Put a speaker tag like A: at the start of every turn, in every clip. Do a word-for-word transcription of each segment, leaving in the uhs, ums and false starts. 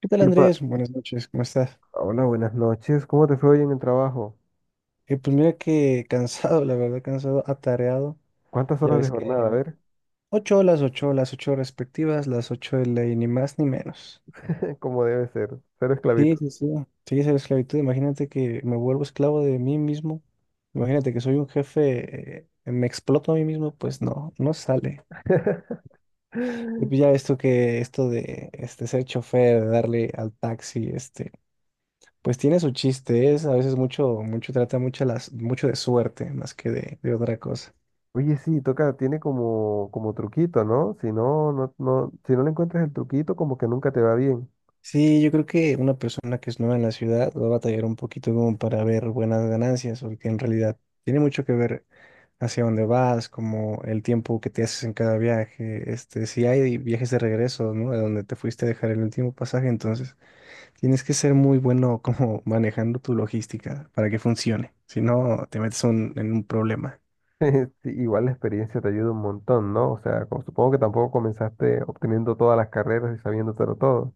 A: ¿Qué tal,
B: Tipa,
A: Andrés? Buenas noches, ¿cómo estás?
B: hola, buenas noches. ¿Cómo te fue hoy en el trabajo?
A: Eh, pues mira que cansado, la verdad, cansado, atareado.
B: ¿Cuántas
A: Ya
B: horas de
A: ves que
B: jornada? A ver,
A: ocho horas, ocho horas, ocho respectivas, las ocho de ley, ni más ni menos.
B: cómo debe ser. Cero
A: Sí,
B: esclavito.
A: sí, sí. Sí, esa es la esclavitud. Imagínate que me vuelvo esclavo de mí mismo. Imagínate que soy un jefe, eh, me exploto a mí mismo, pues no, no sale. Y pues ya esto que, esto de este, ser chofer, de darle al taxi, este, pues tiene su chiste, es a veces mucho, mucho trata mucho, las, mucho de suerte más que de, de otra cosa.
B: Oye, sí, toca, tiene como, como truquito, ¿no? Si no, no, no, si no le encuentras el truquito, como que nunca te va bien.
A: Sí, yo creo que una persona que es nueva en la ciudad va a batallar un poquito como para ver buenas ganancias, porque en realidad tiene mucho que ver hacia dónde vas, como el tiempo que te haces en cada viaje, este, si hay viajes de regreso, ¿no? A donde te fuiste a dejar el último pasaje, entonces tienes que ser muy bueno como manejando tu logística para que funcione, si no te metes un- en un problema.
B: Sí, igual la experiencia te ayuda un montón, ¿no? O sea, como- supongo que tampoco comenzaste obteniendo todas las carreras y sabiéndotelo todo.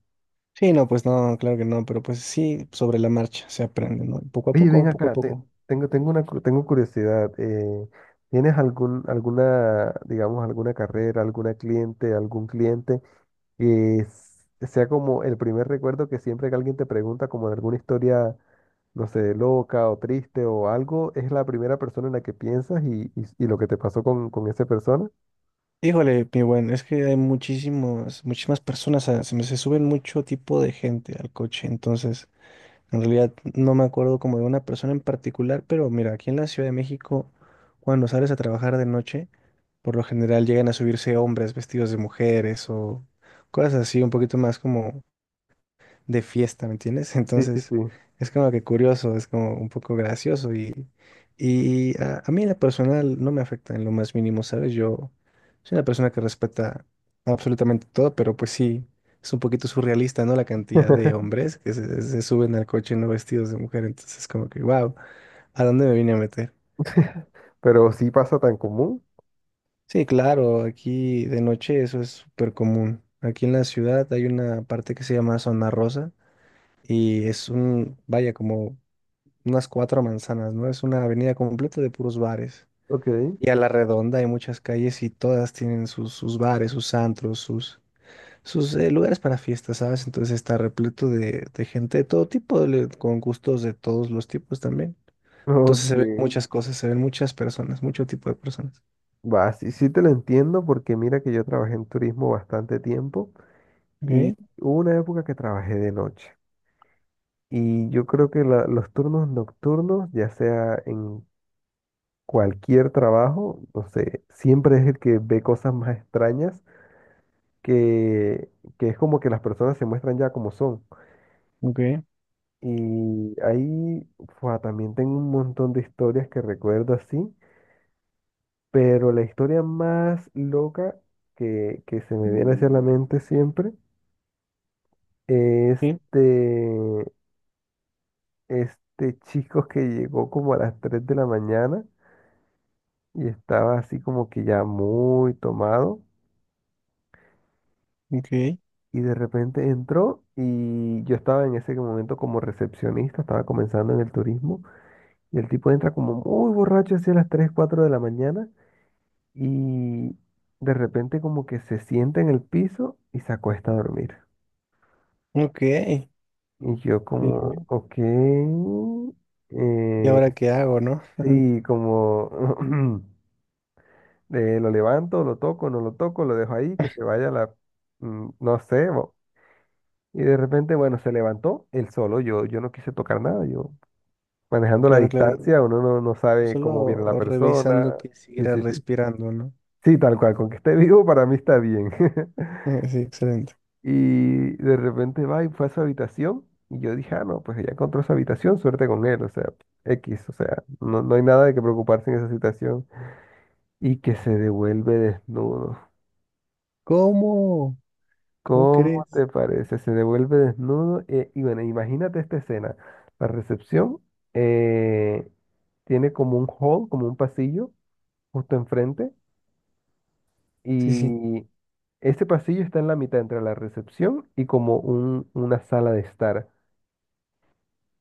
A: Sí, no, pues no, claro que no, pero pues sí, sobre la marcha se aprende, ¿no? Poco a
B: Oye, ven
A: poco, poco a
B: acá, te-
A: poco.
B: tengo, tengo una, cu- tengo curiosidad. Eh, ¿tienes algún, alguna, digamos, alguna carrera, alguna cliente, algún cliente que s- sea como el primer recuerdo, que siempre que alguien te pregunta como de alguna historia, no sé, loca o triste o algo, es la primera persona en la que piensas? Y, y- ¿y lo que te pasó con, con esa persona?
A: Híjole, mi buen, es que hay muchísimos, muchísimas personas, a- se me se suben mucho tipo de gente al coche, entonces, en realidad no me acuerdo como de una persona en particular, pero mira, aquí en la Ciudad de México, cuando sales a trabajar de noche, por lo general llegan a subirse hombres vestidos de mujeres o cosas así, un poquito más como de fiesta, ¿me entiendes?
B: Sí, sí,
A: Entonces,
B: sí.
A: es como que curioso, es como un poco gracioso y, y a, a mí en lo personal no me afecta en lo más mínimo, ¿sabes? Yo soy una persona que respeta absolutamente todo, pero pues sí, es un poquito surrealista, ¿no? La cantidad de hombres que se, se suben al coche no vestidos de mujer, entonces como que, wow, ¿a dónde me vine a meter?
B: Pero sí pasa tan común.
A: Sí, claro, aquí de noche eso es súper común. Aquí en la ciudad hay una parte que se llama Zona Rosa y es un, vaya, como unas cuatro manzanas, ¿no? Es una avenida completa de puros bares.
B: Ok,
A: Y a la redonda hay muchas calles y todas tienen sus, sus bares, sus antros, sus, sus eh, lugares para fiestas, ¿sabes? Entonces está repleto de, de gente de todo tipo, le- con gustos de todos los tipos también. Entonces
B: ok.
A: se ven muchas cosas, se ven muchas personas, mucho tipo de personas.
B: Va, sí, sí te lo entiendo, porque mira que yo trabajé en turismo bastante tiempo.
A: Ok,
B: Y hubo una época que trabajé de noche. Y yo creo que la- los turnos nocturnos, ya sea en cualquier trabajo, no sé, siempre es el que ve cosas más extrañas, que, que es como que las personas se muestran ya como son.
A: ok,
B: Y ahí fua, también tengo un montón de historias que recuerdo así, pero la historia más loca que, que se me viene hacia la mente siempre es
A: sí,
B: este chico que llegó como a las tres de la mañana y estaba así como que ya muy tomado,
A: ok,
B: y de repente entró, y yo estaba en ese momento como recepcionista, estaba comenzando en el turismo, y el tipo entra como muy borracho hacia las tres cuatro de la mañana, y de repente como que se sienta en el piso y se acuesta a dormir.
A: ok.
B: Y yo
A: Sí,
B: como,
A: ok.
B: ok,
A: ¿Y ahora
B: eh,
A: qué hago, no?
B: sí, como... Eh, lo levanto, lo toco, no lo toco, lo dejo ahí, que se vaya la, mm, no sé, bo- y de repente, bueno, se levantó él solo, yo, yo no quise tocar nada, yo manejando la
A: Claro, claro.
B: distancia, uno no, no sabe cómo viene la
A: Solo
B: persona.
A: revisando que
B: Sí,
A: siguiera
B: sí, sí,
A: respirando, ¿no?
B: sí, tal cual, con que esté vivo para mí está bien.
A: Sí, excelente.
B: Y de repente va y fue a su habitación, y yo dije, ah, no, pues ella encontró su habitación, suerte con él, o sea, X, o sea, no, no hay nada de que preocuparse en esa situación, y que se devuelve desnudo.
A: ¿Cómo? ¿Cómo
B: ¿Cómo
A: crees?
B: te parece? Se devuelve desnudo, eh, y bueno, imagínate esta escena. La recepción, eh, tiene como un hall, como un pasillo justo enfrente,
A: Sí, sí.
B: y ese pasillo está en la mitad entre la recepción y como un- una sala de estar.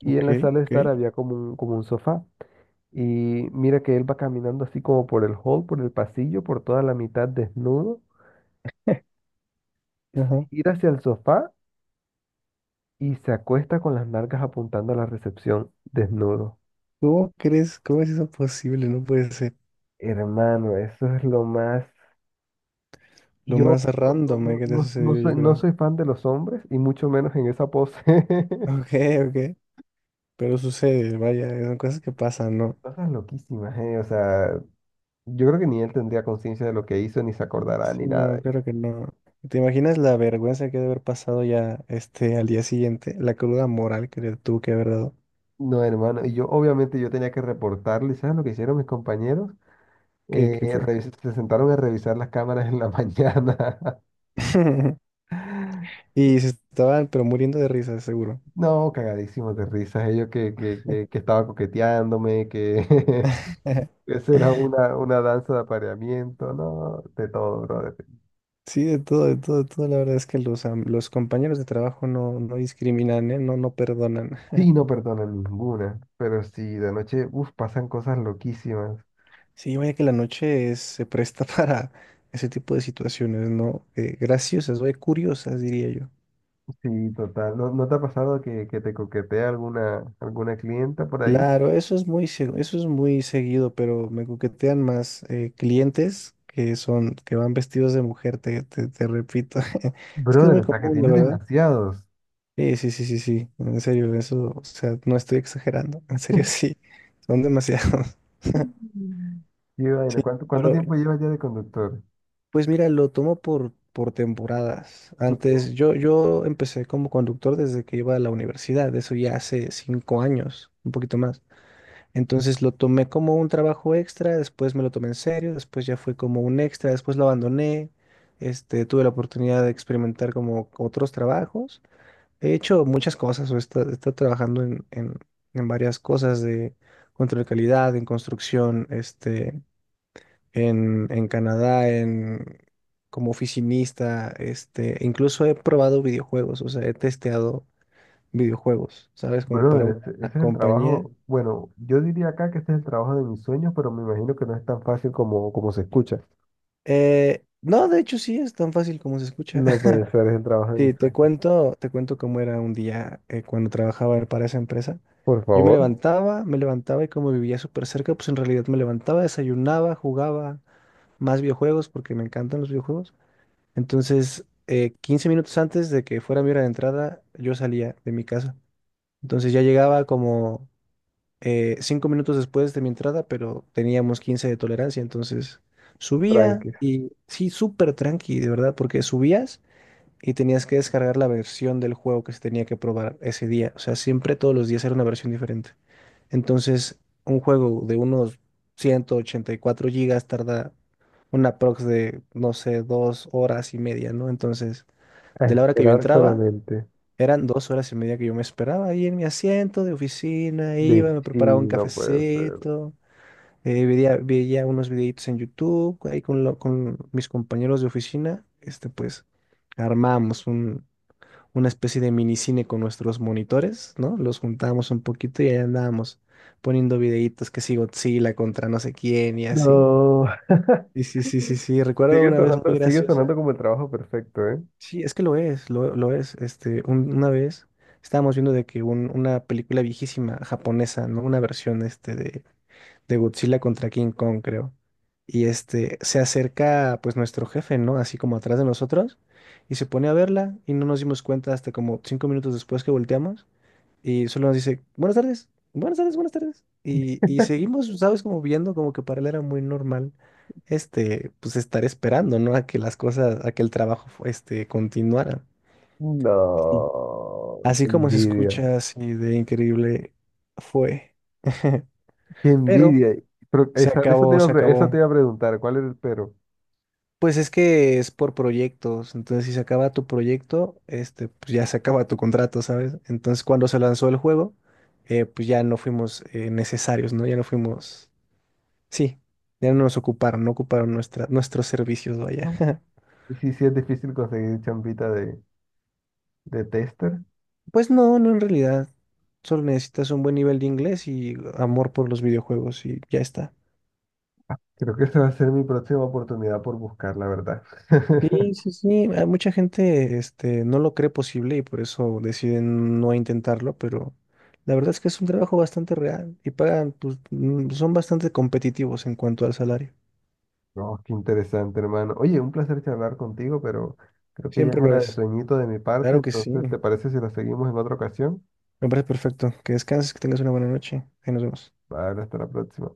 B: Y en
A: Ok,
B: la sala de estar
A: ok.
B: había como un, como un sofá. Y mira que él va caminando así como por el hall, por el pasillo, por toda la mitad desnudo, se
A: Ajá.
B: gira hacia el sofá y se acuesta con las nalgas apuntando a la recepción, desnudo.
A: ¿Cómo crees? ¿Cómo es eso posible? No puede ser.
B: Hermano, eso es lo más...
A: Lo
B: Yo
A: más
B: no,
A: random eh,
B: no, no,
A: que te
B: no- no
A: sucedió,
B: soy,
A: yo
B: no
A: creo.
B: soy fan de los hombres, y mucho menos en esa pose.
A: Ok, ok. Pero sucede, vaya, son cosas que pasan, ¿no?
B: Cosas loquísimas, ¿eh? O sea, yo creo que ni él tendría conciencia de lo que hizo, ni se acordará,
A: Sí,
B: ni nada.
A: no, claro que no. ¿Te imaginas la vergüenza que debe haber pasado ya este al día siguiente? La cruda moral que le tuvo que haber dado.
B: No, hermano, y yo obviamente yo tenía que reportarle. ¿Sabes lo que hicieron mis compañeros?
A: ¿Qué,
B: Eh,
A: qué fue?
B: revis- se sentaron a revisar las cámaras en la mañana.
A: Y se estaban, pero muriendo de risa, seguro.
B: No, cagadísimos de risas, ellos que, que, que, que estaba coqueteándome, que... Esa era una, una danza de apareamiento, ¿no? De todo, brother.
A: Sí, de todo, de todo, de todo. La verdad es que los, am- los compañeros de trabajo no, no discriminan, ¿eh? No, no perdonan.
B: Sí, no perdonan ninguna, pero sí, de noche, uff, pasan cosas loquísimas.
A: Sí, vaya que la noche es- se presta para ese tipo de situaciones, ¿no? Eh, graciosas, vaya, curiosas, diría yo.
B: Sí, total. ¿No, no te ha pasado que, que te coquetea alguna, alguna clienta por ahí?
A: Claro, eso es muy, se- eso es muy seguido, pero me coquetean más eh, clientes que son, que van vestidos de mujer, te, te, te repito. Es que es
B: Brother,
A: muy
B: hasta que
A: común, de
B: tienes
A: verdad.
B: demasiados.
A: Sí, sí, sí, sí, sí. En serio, eso, o sea, no estoy exagerando. En serio, sí. Son demasiados.
B: Mm. Qué vaina.
A: Sí,
B: ¿Cuánto, cuánto
A: pero
B: tiempo llevas ya de conductor?
A: pues mira, lo tomo por, por temporadas.
B: Ok.
A: Antes, yo, yo empecé como conductor desde que iba a la universidad, eso ya hace cinco años, un poquito más. Entonces lo tomé como un trabajo extra, después me lo tomé en serio, después ya fue como un extra, después lo abandoné. Este, tuve la oportunidad de experimentar como otros trabajos. He hecho muchas cosas, o he esta- he estado trabajando en, en, en varias cosas de control de calidad, en construcción, este en, en Canadá, en, como oficinista, este, incluso he probado videojuegos, o sea, he testeado videojuegos, ¿sabes? Como para
B: Brother,
A: una
B: ese, ese es el
A: compañía.
B: trabajo, bueno, yo diría acá que este es el trabajo de mis sueños, pero me imagino que no es tan fácil como, como se escucha.
A: Eh, no, de hecho sí, es tan fácil como se escucha.
B: No puede ser, es el trabajo de mis
A: Sí, te
B: sueños.
A: cuento, te cuento cómo era un día eh, cuando trabajaba para esa empresa.
B: Por
A: Yo me
B: favor.
A: levantaba, me levantaba y como vivía súper cerca, pues en realidad me levantaba, desayunaba, jugaba más videojuegos porque me encantan los videojuegos. Entonces, eh, quince minutos antes de que fuera mi hora de entrada, yo salía de mi casa. Entonces ya llegaba como eh, cinco minutos después de mi entrada, pero teníamos quince de tolerancia. Entonces subía
B: Tranquis,
A: y sí, súper tranqui, de verdad, porque subías y tenías que descargar la versión del juego que se tenía que probar ese día. O sea, siempre todos los días era una versión diferente. Entonces, un juego de unos ciento ochenta y cuatro gigas tarda una prox de, no sé, dos horas y media, ¿no? Entonces...
B: a
A: De la hora que yo
B: esperar
A: entraba,
B: solamente.
A: eran dos horas y media que yo me esperaba ahí en mi asiento de oficina,
B: De Sí.
A: iba, me preparaba un
B: chill, no puede ser.
A: cafecito, eh, veía, veía unos videitos en YouTube, ahí con, lo- con mis compañeros de oficina, este, pues armamos un- una especie de minicine con nuestros monitores, ¿no? Los juntábamos un poquito y ahí andábamos poniendo videitos que si Godzilla contra no sé quién y así.
B: No.
A: Y sí, sí, sí, sí, recuerdo
B: Sigue
A: una vez
B: sonando,
A: muy
B: sigue
A: graciosa.
B: sonando como el trabajo perfecto, ¿eh?
A: Sí, es que lo es, lo, lo es. Este, un- una vez estábamos viendo de que un- una película viejísima japonesa, ¿no? Una versión este de, de Godzilla contra King Kong, creo. Y este se acerca pues nuestro jefe, ¿no? Así como atrás de nosotros y se pone a verla y no nos dimos cuenta hasta como cinco minutos después que volteamos y solo nos dice, buenas tardes, buenas tardes, buenas tardes. Y, y seguimos, ¿sabes? Como viendo como que para él era muy normal, este, pues estar esperando, ¿no? A que las cosas, a que el trabajo, fu- este, continuara. Sí.
B: No,
A: Así
B: qué
A: como se
B: envidia,
A: escucha así de increíble fue.
B: qué
A: Pero
B: envidia. Pero
A: se
B: esa- eso te
A: acabó,
B: iba a,
A: se
B: pre- eso
A: acabó.
B: te iba a preguntar, ¿cuál era el pero?
A: Pues es que es por proyectos, entonces si se acaba tu proyecto, este, pues ya se acaba tu contrato, ¿sabes? Entonces cuando se lanzó el juego, eh, pues ya no fuimos eh, necesarios, ¿no? Ya no fuimos. Sí, ya no nos ocuparon, no ocuparon nuestra, nuestros servicios, vaya.
B: No. Y sí, sí es difícil conseguir champita de, de tester.
A: Pues no, no en realidad. Solo necesitas un buen nivel de inglés y amor por los videojuegos y ya está.
B: Creo que esa va a ser mi próxima oportunidad por buscar, la verdad.
A: Sí, sí, sí. A mucha gente, este, no lo cree posible y por eso deciden no intentarlo, pero la verdad es que es un trabajo bastante real y pagan, pues, mm, son bastante competitivos en cuanto al salario.
B: No, qué interesante, hermano. Oye, un placer charlar contigo, pero creo que ya es
A: Siempre lo
B: hora de
A: es.
B: sueñito de mi parte,
A: Claro que sí.
B: entonces, ¿te parece si lo seguimos en otra ocasión?
A: Me parece perfecto. Que descanses, que tengas una buena noche. Ahí nos vemos.
B: Vale, hasta la próxima.